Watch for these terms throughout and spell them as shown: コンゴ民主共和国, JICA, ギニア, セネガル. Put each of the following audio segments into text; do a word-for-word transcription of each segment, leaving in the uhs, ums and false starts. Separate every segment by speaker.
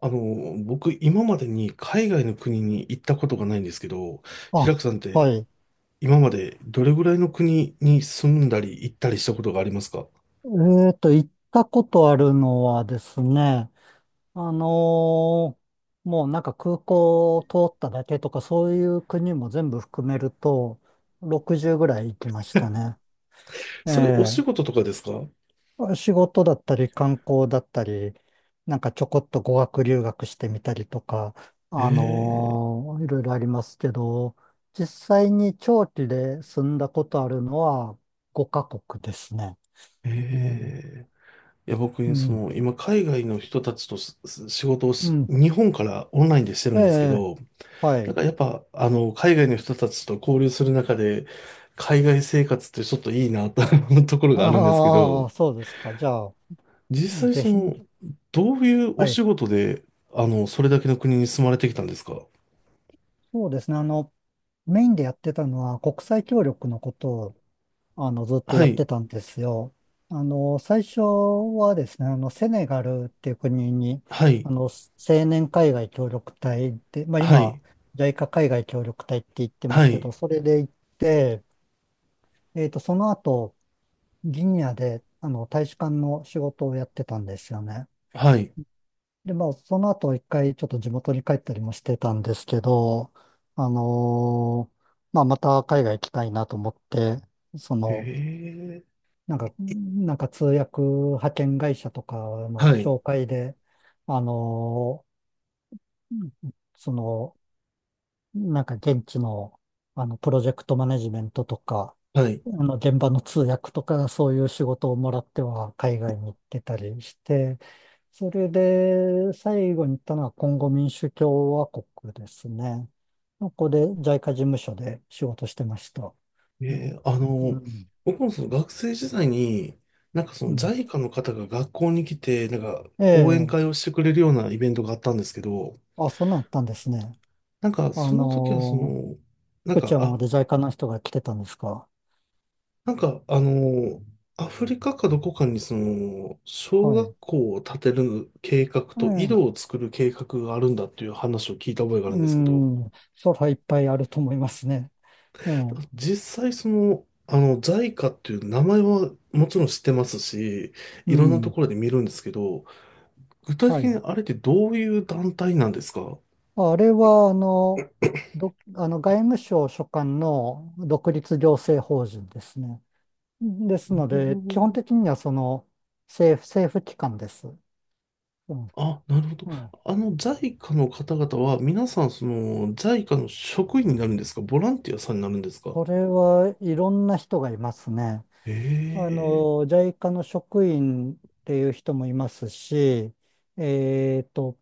Speaker 1: あの、僕、今までに海外の国に行ったことがないんですけど、
Speaker 2: あ、
Speaker 1: 平久さんって、
Speaker 2: はい。
Speaker 1: 今までどれぐらいの国に住んだり行ったりしたことがありますか？
Speaker 2: えっと、行ったことあるのはですね、あのーもうなんか空港を通っただけとか、そういう国も全部含めると、ろくじゅうぐらい行きましたね。
Speaker 1: それお仕
Speaker 2: え
Speaker 1: 事とかですか？
Speaker 2: え、仕事だったり観光だったり、なんかちょこっと語学留学してみたりとか、あ
Speaker 1: え
Speaker 2: のーいろいろありますけど、実際に長期で住んだことあるのはごかこくカ国ですね。
Speaker 1: え、
Speaker 2: うん
Speaker 1: ええ。いや、僕
Speaker 2: う
Speaker 1: ねそ
Speaker 2: ん
Speaker 1: の、今、海外の人たちとすす仕事を
Speaker 2: う
Speaker 1: し、
Speaker 2: ん。
Speaker 1: 日本からオンラインでしてる
Speaker 2: え
Speaker 1: んですけ
Speaker 2: え、
Speaker 1: ど、
Speaker 2: は
Speaker 1: なん
Speaker 2: い。
Speaker 1: かやっぱ、あの、海外の人たちと交流する中で、海外生活ってちょっといいなと思うところがあるんですけ
Speaker 2: ああ、
Speaker 1: ど、
Speaker 2: そうですか。じゃあ、
Speaker 1: 実際
Speaker 2: ぜ
Speaker 1: そ
Speaker 2: ひ、
Speaker 1: の、どういうお
Speaker 2: はい。
Speaker 1: 仕事で、あの、それだけの国に住まれてきたんですか？
Speaker 2: そうですね。あの、メインでやってたのは国際協力のことを、あの、ずっと
Speaker 1: は
Speaker 2: やっ
Speaker 1: い、
Speaker 2: てたんですよ。あの、最初はですね、あの、セネガルっていう国に、
Speaker 1: はい、
Speaker 2: あの、青年海外協力隊で、まあ
Speaker 1: は
Speaker 2: 今、
Speaker 1: い、
Speaker 2: ジャイカ海外協力隊って言ってま
Speaker 1: は
Speaker 2: すけど、
Speaker 1: い、
Speaker 2: それで行って、えっと、その後、ギニアで、あの、大使館の仕事をやってたんですよね。
Speaker 1: はい。
Speaker 2: で、まあ、その後一回ちょっと地元に帰ったりもしてたんですけど、あのーまあ、また海外行きたいなと思って、そ
Speaker 1: え
Speaker 2: の、
Speaker 1: え、
Speaker 2: なんか、なんか通訳派遣会社とかの
Speaker 1: はい、
Speaker 2: 紹介で、あのーその、なんか現地の、あの、プロジェクトマネジメントとか、
Speaker 1: はい。
Speaker 2: あの、現場の通訳とか、そういう仕事をもらっては海外に行ってたりして、それで最後に行ったのはコンゴ民主共和国ですね。ここでジャイカ事務所で仕事してました。
Speaker 1: え
Speaker 2: ね、
Speaker 1: え、あ
Speaker 2: う
Speaker 1: の、
Speaker 2: ん。
Speaker 1: 僕もその学生時代に、なんかそ
Speaker 2: う
Speaker 1: の
Speaker 2: ん。
Speaker 1: j i の方が学校に来て、なんか
Speaker 2: え
Speaker 1: 講演会
Speaker 2: え。
Speaker 1: をしてくれるようなイベントがあったんですけど、
Speaker 2: あ、そんなんあったんですね。
Speaker 1: なんか
Speaker 2: あ
Speaker 1: その時はそ
Speaker 2: のー、
Speaker 1: の、なん
Speaker 2: 福
Speaker 1: か、
Speaker 2: 知山ま
Speaker 1: あ、
Speaker 2: で ジャイカ の人が来てたんですか？
Speaker 1: なんか、あの、アフリカかどこかにその、小
Speaker 2: はい。
Speaker 1: 学校を建てる計画
Speaker 2: え
Speaker 1: と井
Speaker 2: え。
Speaker 1: 戸を作る計画があるんだっていう話を聞いた覚えがあるん
Speaker 2: う
Speaker 1: ですけど、
Speaker 2: ん、それはいっぱいあると思いますね。ええ、
Speaker 1: 実際その、あの、ジャイカ っていう名前はもちろん知ってますし、
Speaker 2: う
Speaker 1: いろんなと
Speaker 2: ん、
Speaker 1: ころで見るんですけど、具体
Speaker 2: は
Speaker 1: 的
Speaker 2: い。
Speaker 1: にあれってどういう団体なんですか？
Speaker 2: あれは、あの、ど、あの、外務省所管の独立行政法人ですね。ですの
Speaker 1: う
Speaker 2: で、基本
Speaker 1: ん、
Speaker 2: 的にはその政府、政府機関です。う
Speaker 1: あ、なるほど。
Speaker 2: ん、ええ、
Speaker 1: あの ジャイカ の方々は皆さんその ジャイカ の職員になるんですか？ボランティアさんになるんですか？
Speaker 2: それはいろんな人がいますね。あ
Speaker 1: ええ、
Speaker 2: の、ジャイカの職員っていう人もいますし、えっと、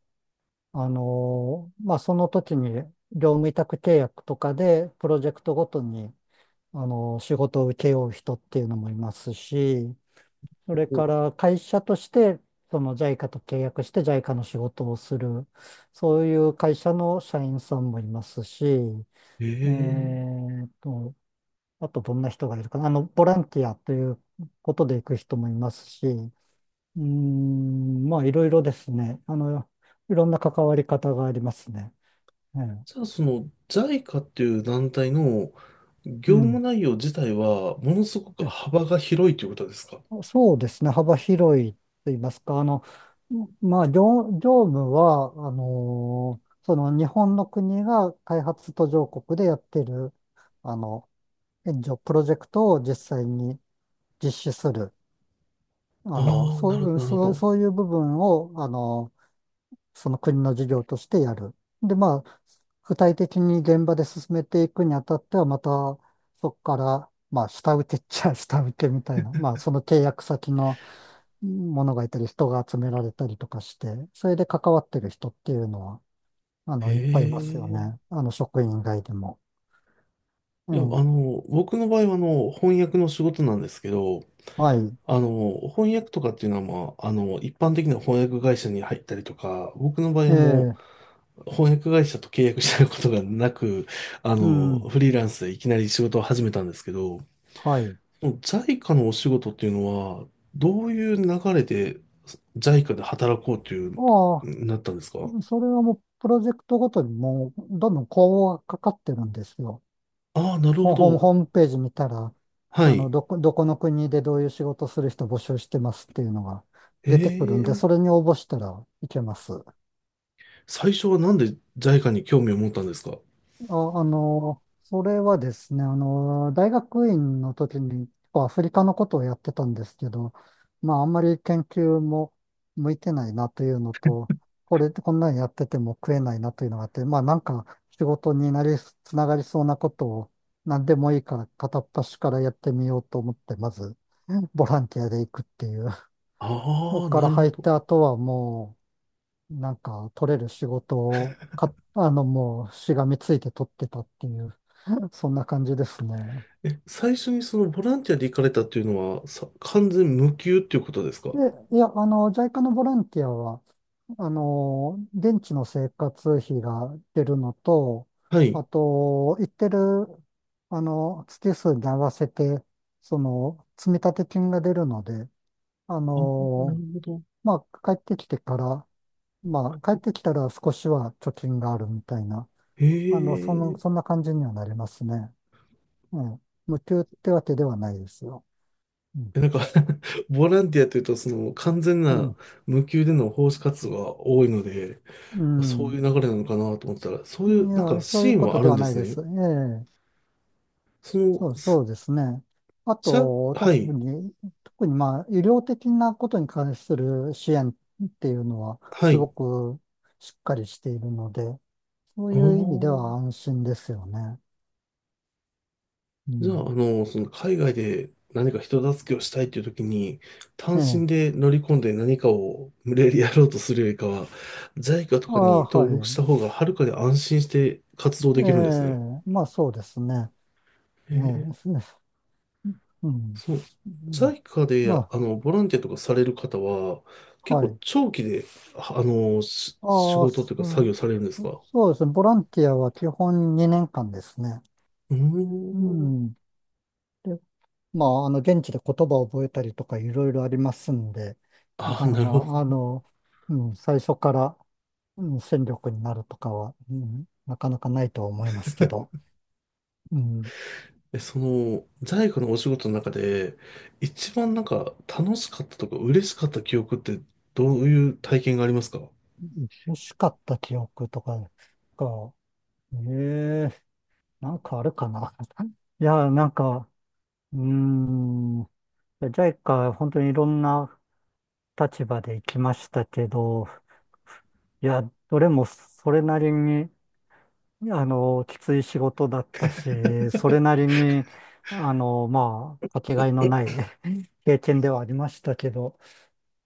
Speaker 2: あの、まあ、その時に業務委託契約とかでプロジェクトごとに、あの、仕事を請け負う人っていうのもいますし、それから会社として、その ジャイカ と契約して ジャイカ の仕事をする、そういう会社の社員さんもいますし、
Speaker 1: え
Speaker 2: え
Speaker 1: え、
Speaker 2: ーっと、あとどんな人がいるかな、あの、ボランティアということで行く人もいますし、うーん、まあ、いろいろですね。あの、いろんな関わり方がありますね。ええ、
Speaker 1: じゃあその ジャイカ っていう団体の
Speaker 2: う
Speaker 1: 業務
Speaker 2: ん。
Speaker 1: 内容自体はものすごく
Speaker 2: え
Speaker 1: 幅が広いということですか？
Speaker 2: そうですね。幅広いと言いますか、あの、まあ、業、業務は、あのーその日本の国が開発途上国でやってる、あの、援助プロジェクトを実際に実施する、あの、
Speaker 1: ああ、なるほ
Speaker 2: そ
Speaker 1: ど、
Speaker 2: う、
Speaker 1: なるほ
Speaker 2: そう、そう
Speaker 1: ど。
Speaker 2: いう部分を、あの、その国の事業としてやる。で、まあ、具体的に現場で進めていくにあたっては、また、そこから、まあ、下請けっちゃ 下請けみたいな、まあ、その契約先のものがいたり、人が集められたりとかして、それで関わってる人っていうのは、あ
Speaker 1: え
Speaker 2: の、いっぱいいますよ
Speaker 1: え。
Speaker 2: ね。あの、職員以外でも。う
Speaker 1: いや、あ
Speaker 2: ん。
Speaker 1: の、僕の場合はあの、翻訳の仕事なんですけど、
Speaker 2: はい。
Speaker 1: あの、翻訳とかっていうのは、まあ、あの、一般的な翻訳会社に入ったりとか、僕の場合
Speaker 2: え
Speaker 1: はも
Speaker 2: え、
Speaker 1: う、翻訳会社と契約したことがなく、あ
Speaker 2: う
Speaker 1: の、
Speaker 2: ん。
Speaker 1: フリーランスでいきなり仕事を始めたんですけど、
Speaker 2: はい。
Speaker 1: ジャイカ のお仕事っていうのは、どういう流れで ジャイカ で働こうという、
Speaker 2: あ
Speaker 1: なったんですか？
Speaker 2: あ、それはもう、プロジェクトごとにもう、どんどんこうかかってるんですよ。
Speaker 1: ああー、なるほ
Speaker 2: ホホーム、
Speaker 1: ど。
Speaker 2: ホームページ見たら、
Speaker 1: は
Speaker 2: あ
Speaker 1: い。
Speaker 2: の、どこ、どこの国でどういう仕事する人募集してますっていうのが出てくる
Speaker 1: え
Speaker 2: んで、そ
Speaker 1: え、
Speaker 2: れに応募したらいけます。
Speaker 1: 最初はなんで ジャイカ に興味を持ったんですか？
Speaker 2: あ、あの、それはですね、あの、大学院の時にアフリカのことをやってたんですけど、まあ、あんまり研究も向いてないなというのと、これ、こんなにやってても食えないなというのがあって、まあ、なんか仕事になり、つながりそうなことを何でもいいから片っ端からやってみようと思って、まず、ボランティアで行くっていう。そこ
Speaker 1: ああー、
Speaker 2: か
Speaker 1: な
Speaker 2: ら
Speaker 1: るほ
Speaker 2: 入っ
Speaker 1: ど。
Speaker 2: た後はもう、なんか取れる仕事をか、あの、もうしがみついて取ってたっていう。そんな感じですね。
Speaker 1: え、最初にそのボランティアで行かれたっていうのは、さ、完全無給っていうことですか？
Speaker 2: で、いや、あの、ジャイカ のボランティアは、あの、現地の生活費が出るのと、
Speaker 1: はい。
Speaker 2: あと、行ってる、あの、月数に合わせて、その、積立金が出るので、あ
Speaker 1: あ、なる
Speaker 2: の、
Speaker 1: ほど。
Speaker 2: まあ、帰ってきてから、まあ、帰ってきたら少しは貯金があるみたいな、
Speaker 1: へ
Speaker 2: あの、その、
Speaker 1: え。
Speaker 2: そんな感じにはなりますね。うん。無給ってわけではないですよ。うん。
Speaker 1: え、なんか ボランティアというと、その完全
Speaker 2: うん。
Speaker 1: な無給での奉仕活動が多いので、
Speaker 2: う
Speaker 1: そうい
Speaker 2: ん、
Speaker 1: う流れなのかなと思ってたら、そう
Speaker 2: い
Speaker 1: いうなんか
Speaker 2: や、そういう
Speaker 1: シーン
Speaker 2: こ
Speaker 1: は
Speaker 2: と
Speaker 1: あ
Speaker 2: で
Speaker 1: るん
Speaker 2: は
Speaker 1: で
Speaker 2: ない
Speaker 1: す
Speaker 2: で
Speaker 1: ね。
Speaker 2: す。ええ、
Speaker 1: その、
Speaker 2: そう、そ
Speaker 1: す、
Speaker 2: うですね。あ
Speaker 1: じゃ、
Speaker 2: と、
Speaker 1: は
Speaker 2: 特
Speaker 1: い、
Speaker 2: に、特にまあ、医療的なことに関する支援っていうのは、
Speaker 1: は
Speaker 2: すご
Speaker 1: い。
Speaker 2: くしっかりしているので、そう
Speaker 1: あ
Speaker 2: いう意味では
Speaker 1: ー、
Speaker 2: 安心ですよね。う
Speaker 1: じゃあ、
Speaker 2: ん。
Speaker 1: あの、その海外で何か人助けをしたいっていう時に、単
Speaker 2: ええ。
Speaker 1: 身で乗り込んで何かを無理やりやろうとするよりかは、ジャイカ と
Speaker 2: あ
Speaker 1: かに
Speaker 2: あ、は
Speaker 1: 登録し
Speaker 2: い。
Speaker 1: た方がはるかに安心して活動
Speaker 2: え
Speaker 1: できるんですね。
Speaker 2: え、まあそうですね。
Speaker 1: え
Speaker 2: ええ、
Speaker 1: え、
Speaker 2: うん。
Speaker 1: そう、
Speaker 2: うん、
Speaker 1: ジャイカ で、
Speaker 2: ま
Speaker 1: あの、ボランティアとかされる方は、
Speaker 2: あ、
Speaker 1: 結
Speaker 2: は
Speaker 1: 構
Speaker 2: い。
Speaker 1: 長期で、ああ、の、し仕
Speaker 2: ああ、
Speaker 1: 事と
Speaker 2: そ
Speaker 1: いうか作業されるんですか？
Speaker 2: そうですね。ボランティアは基本にねんかんですね。
Speaker 1: う
Speaker 2: う
Speaker 1: ーん。
Speaker 2: ん。で、まあ、あの、現地で言葉を覚えたりとかいろいろありますんで、な
Speaker 1: ああ、
Speaker 2: かな
Speaker 1: なる
Speaker 2: か、
Speaker 1: ほど。
Speaker 2: あの、うん、最初から、うん、戦力になるとかは、うん、なかなかないとは思いますけど、うん、
Speaker 1: え、その、在庫のお仕事の中で、一番なんか楽しかったとか嬉しかった記憶ってどういう体験がありますか？
Speaker 2: 欲しかった記憶とかが、ええ、なんかあるかな。いや、なんか、うーん、ジャイカ本当にいろんな立場で行きましたけど、いや、どれもそれなりに、あの、きつい仕事だったし、それなりに、あの、まあ、かけがえのない 経験ではありましたけど、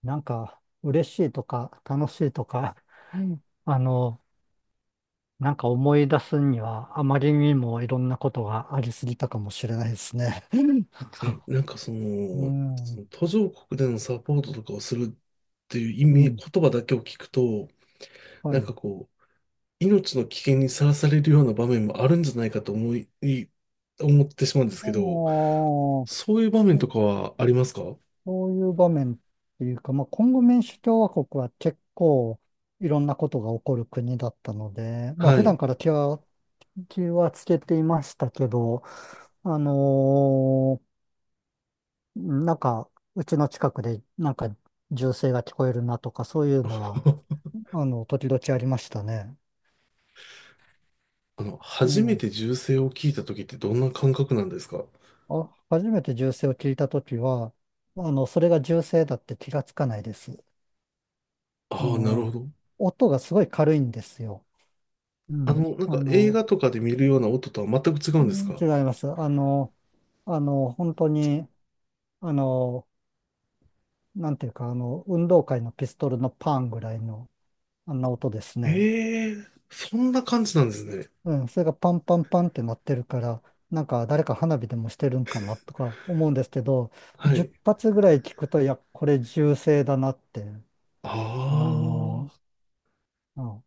Speaker 2: なんか、嬉しいとか、楽しいとか うん あの、なんか思い出すには、あまりにもいろんなことがありすぎたかもしれないですね。
Speaker 1: え、なんかそ
Speaker 2: う
Speaker 1: の、そ
Speaker 2: ん、
Speaker 1: の途上国でのサポートとかをするっていう意
Speaker 2: う
Speaker 1: 味、
Speaker 2: ん、
Speaker 1: 言葉だけを聞くと、
Speaker 2: は
Speaker 1: なんか
Speaker 2: い。
Speaker 1: こう、命の危険にさらされるような場面もあるんじゃないかと思い、い、思ってしまうんです
Speaker 2: お
Speaker 1: けど、
Speaker 2: ー、
Speaker 1: そういう場面とかはありますか？
Speaker 2: そういう場面っていうか、まあ、コンゴ民主共和国は結構いろんなことが起こる国だったので、まあ、
Speaker 1: は
Speaker 2: 普段
Speaker 1: い。
Speaker 2: から気は、気はつけていましたけど、あのーなんか、うちの近くでなんか銃声が聞こえるなとか、そういうのは、あの、時々ありましたね。
Speaker 1: あの、初め
Speaker 2: え
Speaker 1: て
Speaker 2: え、
Speaker 1: 銃声を聞いた時ってどんな感覚なんですか？
Speaker 2: あ、初めて銃声を聞いたときは、あの、それが銃声だって気がつかないです。あ
Speaker 1: ああ、なるほ
Speaker 2: の、
Speaker 1: ど。
Speaker 2: 音がすごい軽いんですよ。う
Speaker 1: あ
Speaker 2: ん。
Speaker 1: の、なん
Speaker 2: あ
Speaker 1: か映
Speaker 2: の、
Speaker 1: 画とかで見るような音とは全く違う
Speaker 2: う
Speaker 1: んです
Speaker 2: ん
Speaker 1: か？
Speaker 2: 違います。あの、あの、本当に、あの、なんていうか、あの、運動会のピストルのパンぐらいの、あんな音ですね。
Speaker 1: ええー、そんな感じなんですね。
Speaker 2: うん、それがパンパンパンって鳴ってるから、なんか誰か花火でもしてるんかなとか思うんですけど、
Speaker 1: はい。
Speaker 2: じゅっぱつ発ぐらい聞くと、いや、これ銃声だなって、あ
Speaker 1: あ
Speaker 2: の、
Speaker 1: あ。
Speaker 2: うん、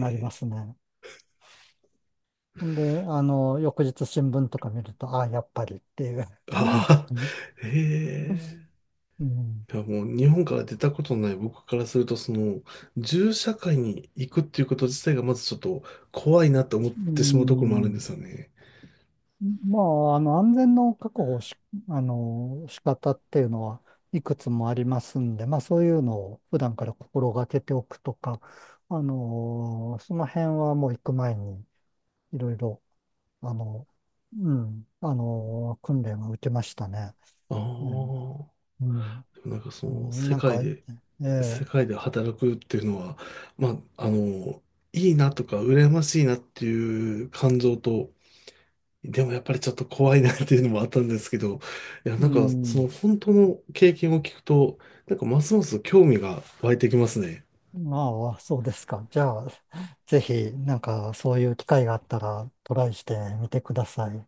Speaker 2: なりま
Speaker 1: え、
Speaker 2: すね。ほんで、あの、翌日新聞とか見ると、ああ、やっぱりっていう。うん
Speaker 1: あ あ、ええ、
Speaker 2: うん、
Speaker 1: いやもう日本から出たことのない僕からすると、その、銃社会に行くっていうこと自体がまずちょっと怖いなって思っ
Speaker 2: う
Speaker 1: てしまうところもあるんで
Speaker 2: ん。
Speaker 1: すよね。
Speaker 2: まあ、あの、安全の確保をし、あの、仕方っていうのはいくつもありますんで、まあそういうのを普段から心がけておくとか、あの、その辺はもう行く前にいろいろ、あの、うん、あの、訓練は受けましたね。
Speaker 1: ああ、
Speaker 2: うん、
Speaker 1: でもなんかそ
Speaker 2: う
Speaker 1: の、
Speaker 2: ん、
Speaker 1: 世
Speaker 2: なん
Speaker 1: 界
Speaker 2: か、
Speaker 1: で、
Speaker 2: え
Speaker 1: 世
Speaker 2: え、
Speaker 1: 界で働くっていうのは、まあ、あの、いいなとか、羨ましいなっていう感情と、でもやっぱりちょっと怖いなっていうのもあったんですけど、いや、な
Speaker 2: う
Speaker 1: んかそ
Speaker 2: ん、
Speaker 1: の本当の経験を聞くと、なんかますます興味が湧いてきますね。
Speaker 2: まあ、そうですか。じゃあ、ぜひ、なんかそういう機会があったらトライしてみてください。